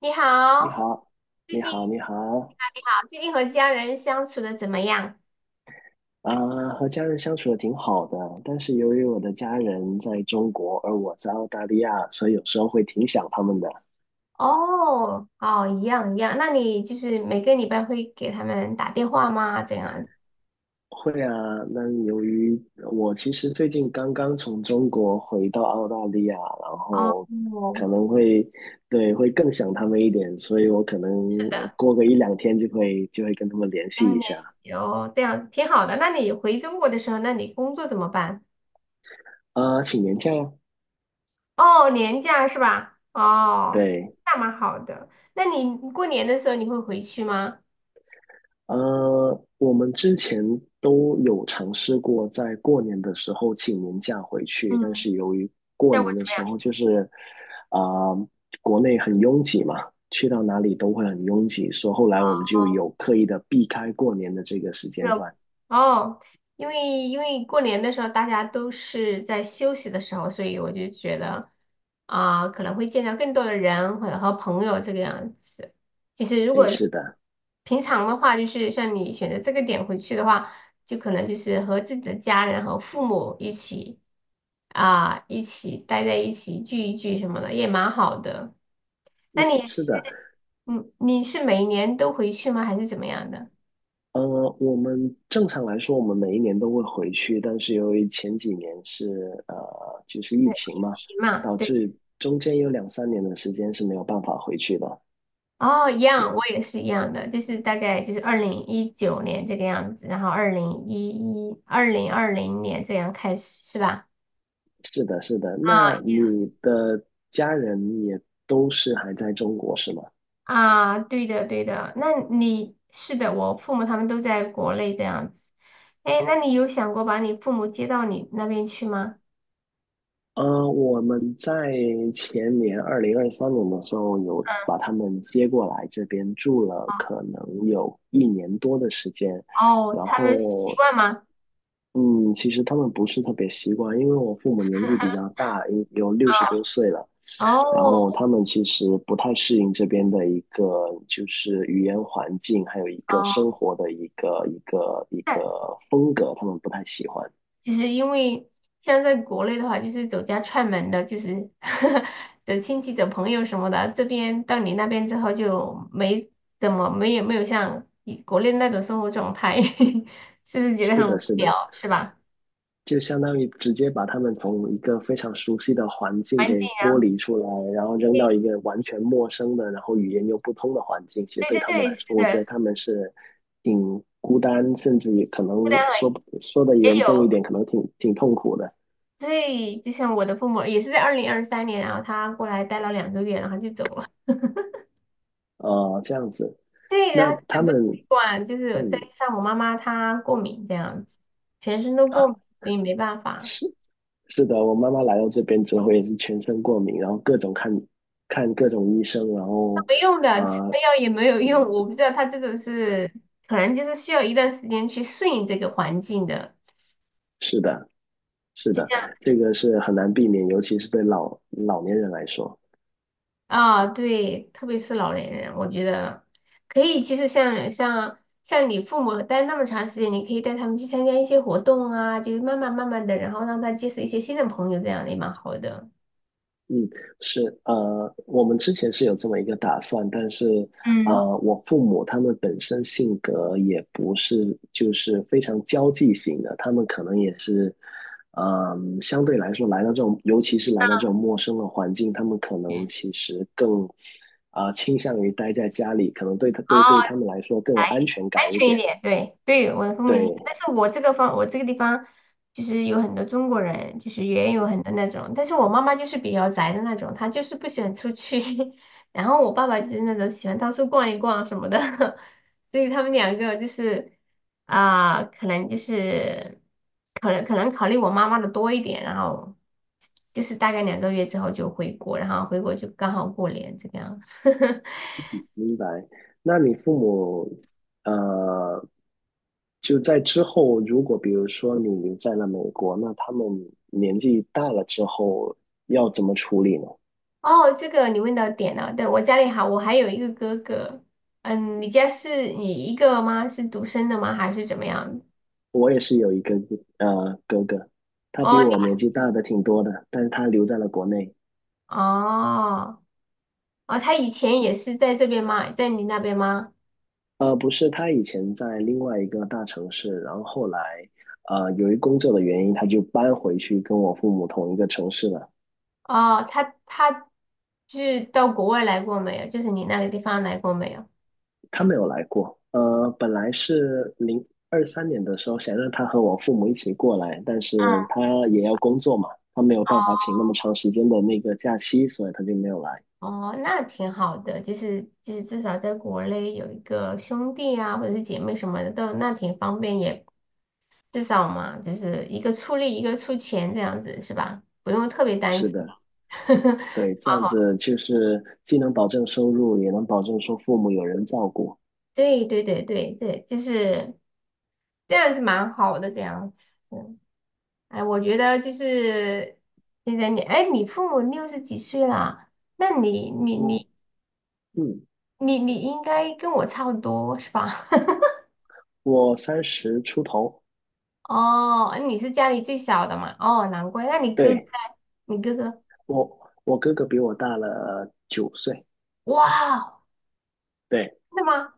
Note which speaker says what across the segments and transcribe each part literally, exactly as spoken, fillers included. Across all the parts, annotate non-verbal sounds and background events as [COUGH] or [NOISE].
Speaker 1: 你
Speaker 2: 你
Speaker 1: 好，
Speaker 2: 好，
Speaker 1: 最
Speaker 2: 你
Speaker 1: 近你
Speaker 2: 好，你好，
Speaker 1: 好，你好，最近和家人相处的怎么样？
Speaker 2: 啊、和家人相处的挺好的，但是由于我的家人在中国，而我在澳大利亚，所以有时候会挺想他们的。
Speaker 1: 哦，哦，一样一样。那你就是每个礼拜会给他们打电话吗？这样？
Speaker 2: 会啊，那由于我其实最近刚刚从中国回到澳大利亚，然
Speaker 1: 哦，
Speaker 2: 后可能会，对，会更想他们一点，所以我可能过个一两天就会就会跟他们联系
Speaker 1: 两
Speaker 2: 一
Speaker 1: 年。
Speaker 2: 下。
Speaker 1: 哦，这样挺好的。那你回中国的时候，那你工作怎么办？
Speaker 2: 啊、请年假呀，
Speaker 1: 哦，年假是吧？哦，
Speaker 2: 对。
Speaker 1: 那蛮好的。那你过年的时候你会回去吗？
Speaker 2: 呃，我们之前都有尝试过在过年的时候请年假回去，但
Speaker 1: 嗯。
Speaker 2: 是由于过年的时候就是，啊、国内很拥挤嘛，去到哪里都会很拥挤，所以后来我们就有刻意的避开过年的这个时间
Speaker 1: 热。
Speaker 2: 段。
Speaker 1: 哦，因为因为过年的时候大家都是在休息的时候，所以我就觉得啊、可能会见到更多的人或者和朋友这个样子。其实如果
Speaker 2: 哎，是的，
Speaker 1: 平常的话，就是像你选择这个点回去的话，就可能就是和自己的家人和父母一起啊、一起待在一起聚一聚什么的，也蛮好的。那你
Speaker 2: 是
Speaker 1: 是
Speaker 2: 的，
Speaker 1: 嗯，你是每年都回去吗？还是怎么样的？
Speaker 2: 呃，我们正常来说，我们每一年都会回去，但是由于前几年是呃，就是疫
Speaker 1: 对，
Speaker 2: 情
Speaker 1: 疫
Speaker 2: 嘛，
Speaker 1: 情嘛，
Speaker 2: 导
Speaker 1: 对。
Speaker 2: 致中间有两三年的时间是没有办法回去的。
Speaker 1: 哦，一样，我也是一样的，就是大概就是二零一九年这个样子，然后二零一一、二零二零年这样开始，是吧？
Speaker 2: 是的，是的。
Speaker 1: 啊
Speaker 2: 那你的家人也都是还在中国是吗？
Speaker 1: 啊，对的对的，那你是的，我父母他们都在国内这样子。哎，那你有想过把你父母接到你那边去吗？
Speaker 2: 呃，我们在前年二零二三年的时候，有
Speaker 1: 嗯，
Speaker 2: 把他们接过来这边住了，可能有一年多的时间。
Speaker 1: 哦，
Speaker 2: 然
Speaker 1: 他们习
Speaker 2: 后，
Speaker 1: 惯吗？
Speaker 2: 嗯，其实他们不是特别习惯，因为我父母年纪比较大，有有六十多岁了。然
Speaker 1: 哦
Speaker 2: 后他们其实不太适应这边的一个就是语言环境，还有一个生
Speaker 1: 哦，
Speaker 2: 活的一个一个一个风格，他们不太喜欢。
Speaker 1: 就是因为像在国内的话，就是走家串门的，就是 [LAUGHS] 走亲戚、走朋友什么的。这边到你那边之后就没怎么没有没有像以国内那种生活状态，[LAUGHS] 是不是觉得
Speaker 2: 是
Speaker 1: 很
Speaker 2: 的，
Speaker 1: 无
Speaker 2: 是的，
Speaker 1: 聊，是吧？
Speaker 2: 就相当于直接把他们从一个非常熟悉的环境
Speaker 1: 环境
Speaker 2: 给剥
Speaker 1: 啊，
Speaker 2: 离出来，然后扔到一个完全陌生的，然后语言又不通的环境。其实
Speaker 1: 对
Speaker 2: 对
Speaker 1: 对
Speaker 2: 他们
Speaker 1: 对，
Speaker 2: 来
Speaker 1: 是
Speaker 2: 说，我觉得
Speaker 1: 的，
Speaker 2: 他们是挺孤单，甚至也可能
Speaker 1: 负担了
Speaker 2: 说说的
Speaker 1: 也
Speaker 2: 严重一
Speaker 1: 有。
Speaker 2: 点，可能挺挺痛苦的。
Speaker 1: 对，就像我的父母也是在二零二三年啊，然后他过来待了两个月，然后就走了。
Speaker 2: 呃，这样子，
Speaker 1: [LAUGHS] 对，然
Speaker 2: 那
Speaker 1: 后
Speaker 2: 他
Speaker 1: 很不
Speaker 2: 们。
Speaker 1: 习惯，就是再
Speaker 2: 嗯，
Speaker 1: 加上我妈妈她过敏这样子，全身都
Speaker 2: [LAUGHS]
Speaker 1: 过
Speaker 2: 啊，
Speaker 1: 敏，所以没办法。
Speaker 2: 是是的，我妈妈来到这边之后也是全身过敏，然后各种看看各种医生，然后
Speaker 1: 没用的，吃
Speaker 2: 啊、
Speaker 1: 了
Speaker 2: 呃
Speaker 1: 药也没有用。我不知道他这种是，可能就是需要一段时间去适应这个环境的，
Speaker 2: 是的，是
Speaker 1: 就
Speaker 2: 的，
Speaker 1: 这样
Speaker 2: 这个是很难避免，尤其是对老老年人来说。
Speaker 1: 啊，对，特别是老年人，我觉得可以，其实像像像你父母待那么长时间，你可以带他们去参加一些活动啊，就是慢慢慢慢的，然后让他结识一些新的朋友，这样也蛮好的。
Speaker 2: 嗯，是，呃，我们之前是有这么一个打算，但是，
Speaker 1: 嗯。
Speaker 2: 呃，我父母他们本身性格也不是就是非常交际型的，他们可能也是，嗯、相对来说来到这种，尤其是来到这种陌生的环境，他们可能其实更，啊、呃倾向于待在家里，可能对他对
Speaker 1: 好。
Speaker 2: 对他们来说更有安全
Speaker 1: 安
Speaker 2: 感一
Speaker 1: 全一
Speaker 2: 点，
Speaker 1: 点，对对，我的风母一样
Speaker 2: 对。
Speaker 1: 但是我这个方，我这个地方就是有很多中国人，就是也有很多那种，但是我妈妈就是比较宅的那种，她就是不喜欢出去，[LAUGHS] 然后我爸爸就是那种喜欢到处逛一逛什么的，[LAUGHS] 所以他们两个就是啊、可能就是可能可能考虑我妈妈的多一点，然后就是大概两个月之后就回国，然后回国就刚好过年这个样。[LAUGHS] 子。
Speaker 2: 明白。那你父母，呃，就在之后，如果比如说你留在了美国，那他们年纪大了之后要怎么处理呢？
Speaker 1: 哦，这个你问到点了。对，我家里还我还有一个哥哥。嗯，你家是你一个吗？是独生的吗？还是怎么样？
Speaker 2: 我也是有一个呃哥哥，他
Speaker 1: 哦，
Speaker 2: 比
Speaker 1: 你
Speaker 2: 我年纪大的挺多的，但是他留在了国内。
Speaker 1: 哦哦，他以前也是在这边吗？在你那边吗？
Speaker 2: 呃，不是，他以前在另外一个大城市，然后后来，呃，由于工作的原因，他就搬回去跟我父母同一个城市了。
Speaker 1: 哦，他他就是到国外来过没有？就是你那个地方来过没有？
Speaker 2: 他没有来过。呃，本来是零二三年的时候想让他和我父母一起过来，但是
Speaker 1: 嗯，
Speaker 2: 他也要工作嘛，他没有办法请那么长时间的那个假期，所以他就没有来。
Speaker 1: 哦，那挺好的，就是就是至少在国内有一个兄弟啊，或者是姐妹什么的，都那挺方便，也至少嘛，就是一个出力，一个出钱这样子是吧？不用特别担
Speaker 2: 是
Speaker 1: 心。
Speaker 2: 的，
Speaker 1: [LAUGHS]
Speaker 2: 对，这样子就是既能保证收入，也能保证说父母有人照顾。
Speaker 1: 对对对对对，就是这样子蛮好的这样子。嗯。哎，我觉得就是现在你，哎，你父母六十几岁了，那你你
Speaker 2: 我
Speaker 1: 你
Speaker 2: 嗯，
Speaker 1: 你你应该跟我差不多是吧？
Speaker 2: 我三十出头，
Speaker 1: [LAUGHS] 哦，你是家里最小的嘛？哦，难怪。那你哥哥，
Speaker 2: 对，
Speaker 1: 你哥哥，
Speaker 2: 我我哥哥比我大了九岁，
Speaker 1: 哇，
Speaker 2: 对，
Speaker 1: 真的吗？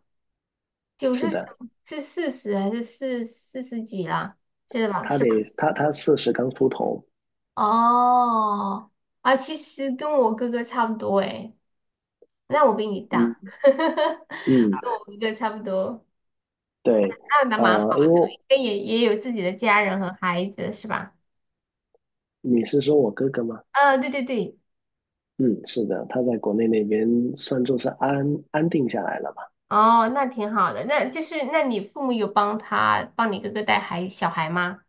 Speaker 1: 九
Speaker 2: 是
Speaker 1: 十九，
Speaker 2: 的，
Speaker 1: 是四十还是四四十几啦？是吧？
Speaker 2: 他
Speaker 1: 是吧？
Speaker 2: 得他他四十刚出头，
Speaker 1: 哦，啊，其实跟我哥哥差不多诶，那我比你大，
Speaker 2: 嗯
Speaker 1: [LAUGHS]
Speaker 2: 嗯，
Speaker 1: 跟我哥哥差不多，
Speaker 2: 对，
Speaker 1: 那那蛮好，
Speaker 2: 呃，因为
Speaker 1: 也也有自己的家人和孩子是吧？
Speaker 2: 你是说我哥哥吗？
Speaker 1: 呃，对对对，
Speaker 2: 嗯，是的，他在国内那边算作是安安定下来了吧？
Speaker 1: 哦，那挺好的，那就是那你父母有帮他帮你哥哥带孩小孩吗？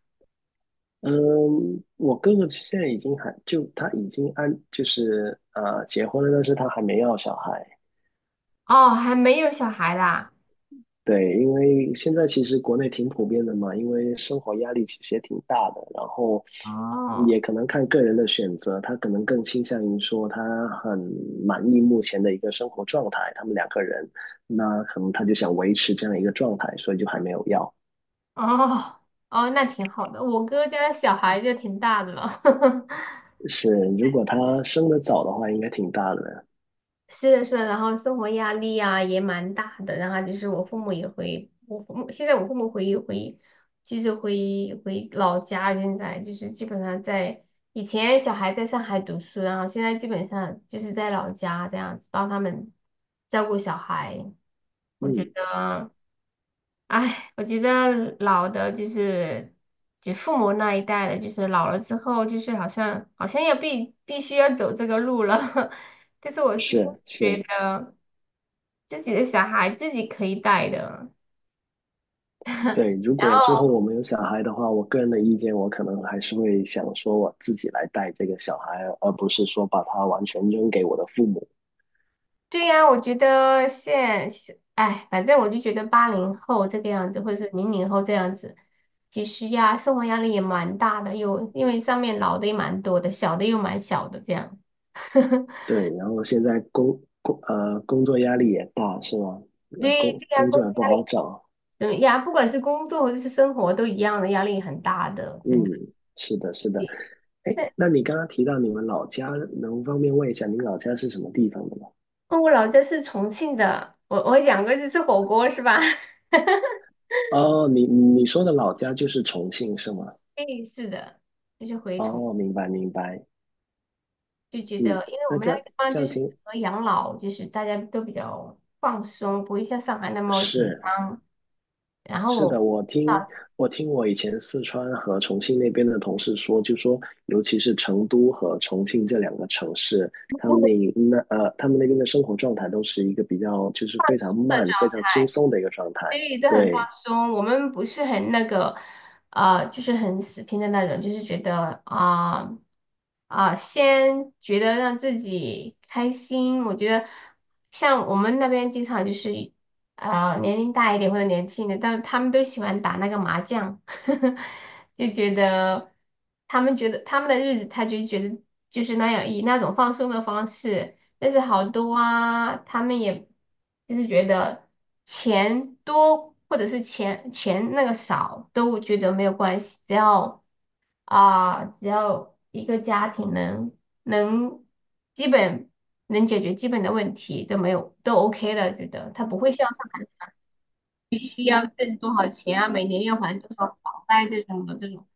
Speaker 2: 嗯，我哥哥现在已经还就他已经安就是呃结婚了，但是他还没要小孩。
Speaker 1: 哦，还没有小孩啦。
Speaker 2: 对，因为现在其实国内挺普遍的嘛，因为生活压力其实也挺大的，然后也
Speaker 1: 哦，
Speaker 2: 可能看个人的选择，他可能更倾向于说他很满意目前的一个生活状态，他们两个人，那可能他就想维持这样一个状态，所以就还没有要。
Speaker 1: 哦哦，那挺好的。我哥家小孩就挺大的了，[LAUGHS]
Speaker 2: 是，如果他生的早的话，应该挺大的。
Speaker 1: 是的，是的，然后生活压力啊也蛮大的。然后就是我父母也会，我父母现在我父母回回就是回回老家，现在就是基本上在以前小孩在上海读书，然后现在基本上就是在老家这样子帮他们照顾小孩。我觉
Speaker 2: 嗯，
Speaker 1: 得。哎，我觉得老的就是就父母那一代的，就是老了之后，就是好像好像要必必须要走这个路了。[LAUGHS] 但是我是
Speaker 2: 是
Speaker 1: 觉
Speaker 2: 是，
Speaker 1: 得自己的小孩自己可以带的。
Speaker 2: 对，如
Speaker 1: [LAUGHS] 然
Speaker 2: 果之后
Speaker 1: 后，
Speaker 2: 我们有小孩的话，我个人的意见，我可能还是会想说我自己来带这个小孩，而不是说把他完全扔给我的父母。
Speaker 1: 对呀，我觉得现现哎，反正我就觉得八零后这个样子，或者是零零后这样子，其实呀，生活压力也蛮大的，又因为上面老的也蛮多的，小的又蛮小的这样。[LAUGHS]
Speaker 2: 对，然后现在工工呃工作压力也大，是吗？呃，
Speaker 1: 对
Speaker 2: 工
Speaker 1: 对呀，
Speaker 2: 工作也不好找。
Speaker 1: 嗯呀，不管是工作或者是生活都一样的，压力很大的，
Speaker 2: 嗯，
Speaker 1: 真的。
Speaker 2: 是的，是的。哎，
Speaker 1: 那
Speaker 2: 那你刚刚提到你们老家，能方便问一下你老家是什么地方的吗？
Speaker 1: 哦，我老家是重庆的，我我讲过去吃火锅是吧？[LAUGHS]
Speaker 2: 哦，你你说的老家就是重庆是吗？
Speaker 1: 对，是的，就是回
Speaker 2: 哦，
Speaker 1: 重
Speaker 2: 明白明白。
Speaker 1: 就觉
Speaker 2: 嗯，
Speaker 1: 得，因为我
Speaker 2: 那
Speaker 1: 们
Speaker 2: 这
Speaker 1: 那个
Speaker 2: 样
Speaker 1: 地方
Speaker 2: 这
Speaker 1: 就
Speaker 2: 样
Speaker 1: 是适
Speaker 2: 听
Speaker 1: 合养老，就是大家都比较放松，不会像上海那么紧
Speaker 2: 是。
Speaker 1: 张。然后
Speaker 2: 是的，
Speaker 1: 我
Speaker 2: 我听
Speaker 1: 啊，
Speaker 2: 我听我以前四川和重庆那边的同事说，就说尤其是成都和重庆这两个城市，他们那
Speaker 1: [LAUGHS]
Speaker 2: 那呃，他们那边的生活状态都是一个比较就是非常慢、非常轻松的一个状态。
Speaker 1: 对，都很放
Speaker 2: 对，
Speaker 1: 松。我们不是很那个，呃，就是很死拼的那种，就是觉得啊啊、先觉得让自己开心。我觉得像我们那边经常就是啊、年龄大一点或者年轻的，但是他们都喜欢打那个麻将，[LAUGHS] 就觉得他们觉得他们的日子，他就觉得就是那样以那种放松的方式。但是好多啊，他们也就是觉得钱多或者是钱钱那个少都觉得没有关系，只要啊、只要一个家庭能能基本能解决基本的问题都没有都 OK 的，觉得他不会像上海需要挣多少钱啊，每年要还多少房贷这种的这种，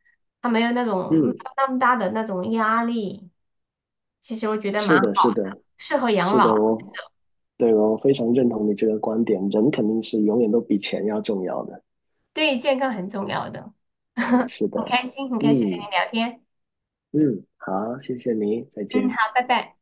Speaker 1: 他没有那种没有
Speaker 2: 嗯，
Speaker 1: 那么大的那种压力，其实我觉得蛮
Speaker 2: 是的，是
Speaker 1: 好的，
Speaker 2: 的，
Speaker 1: 适合养
Speaker 2: 是的哦，
Speaker 1: 老。
Speaker 2: 我对我非常认同你这个观点，人肯定是永远都比钱要重要的。
Speaker 1: 对健康很重要的。[LAUGHS]
Speaker 2: 是
Speaker 1: 很
Speaker 2: 的，
Speaker 1: 开心，很开心和
Speaker 2: 嗯
Speaker 1: 你聊天。
Speaker 2: 嗯，好，谢谢你，再
Speaker 1: 嗯，
Speaker 2: 见。
Speaker 1: 好，拜拜。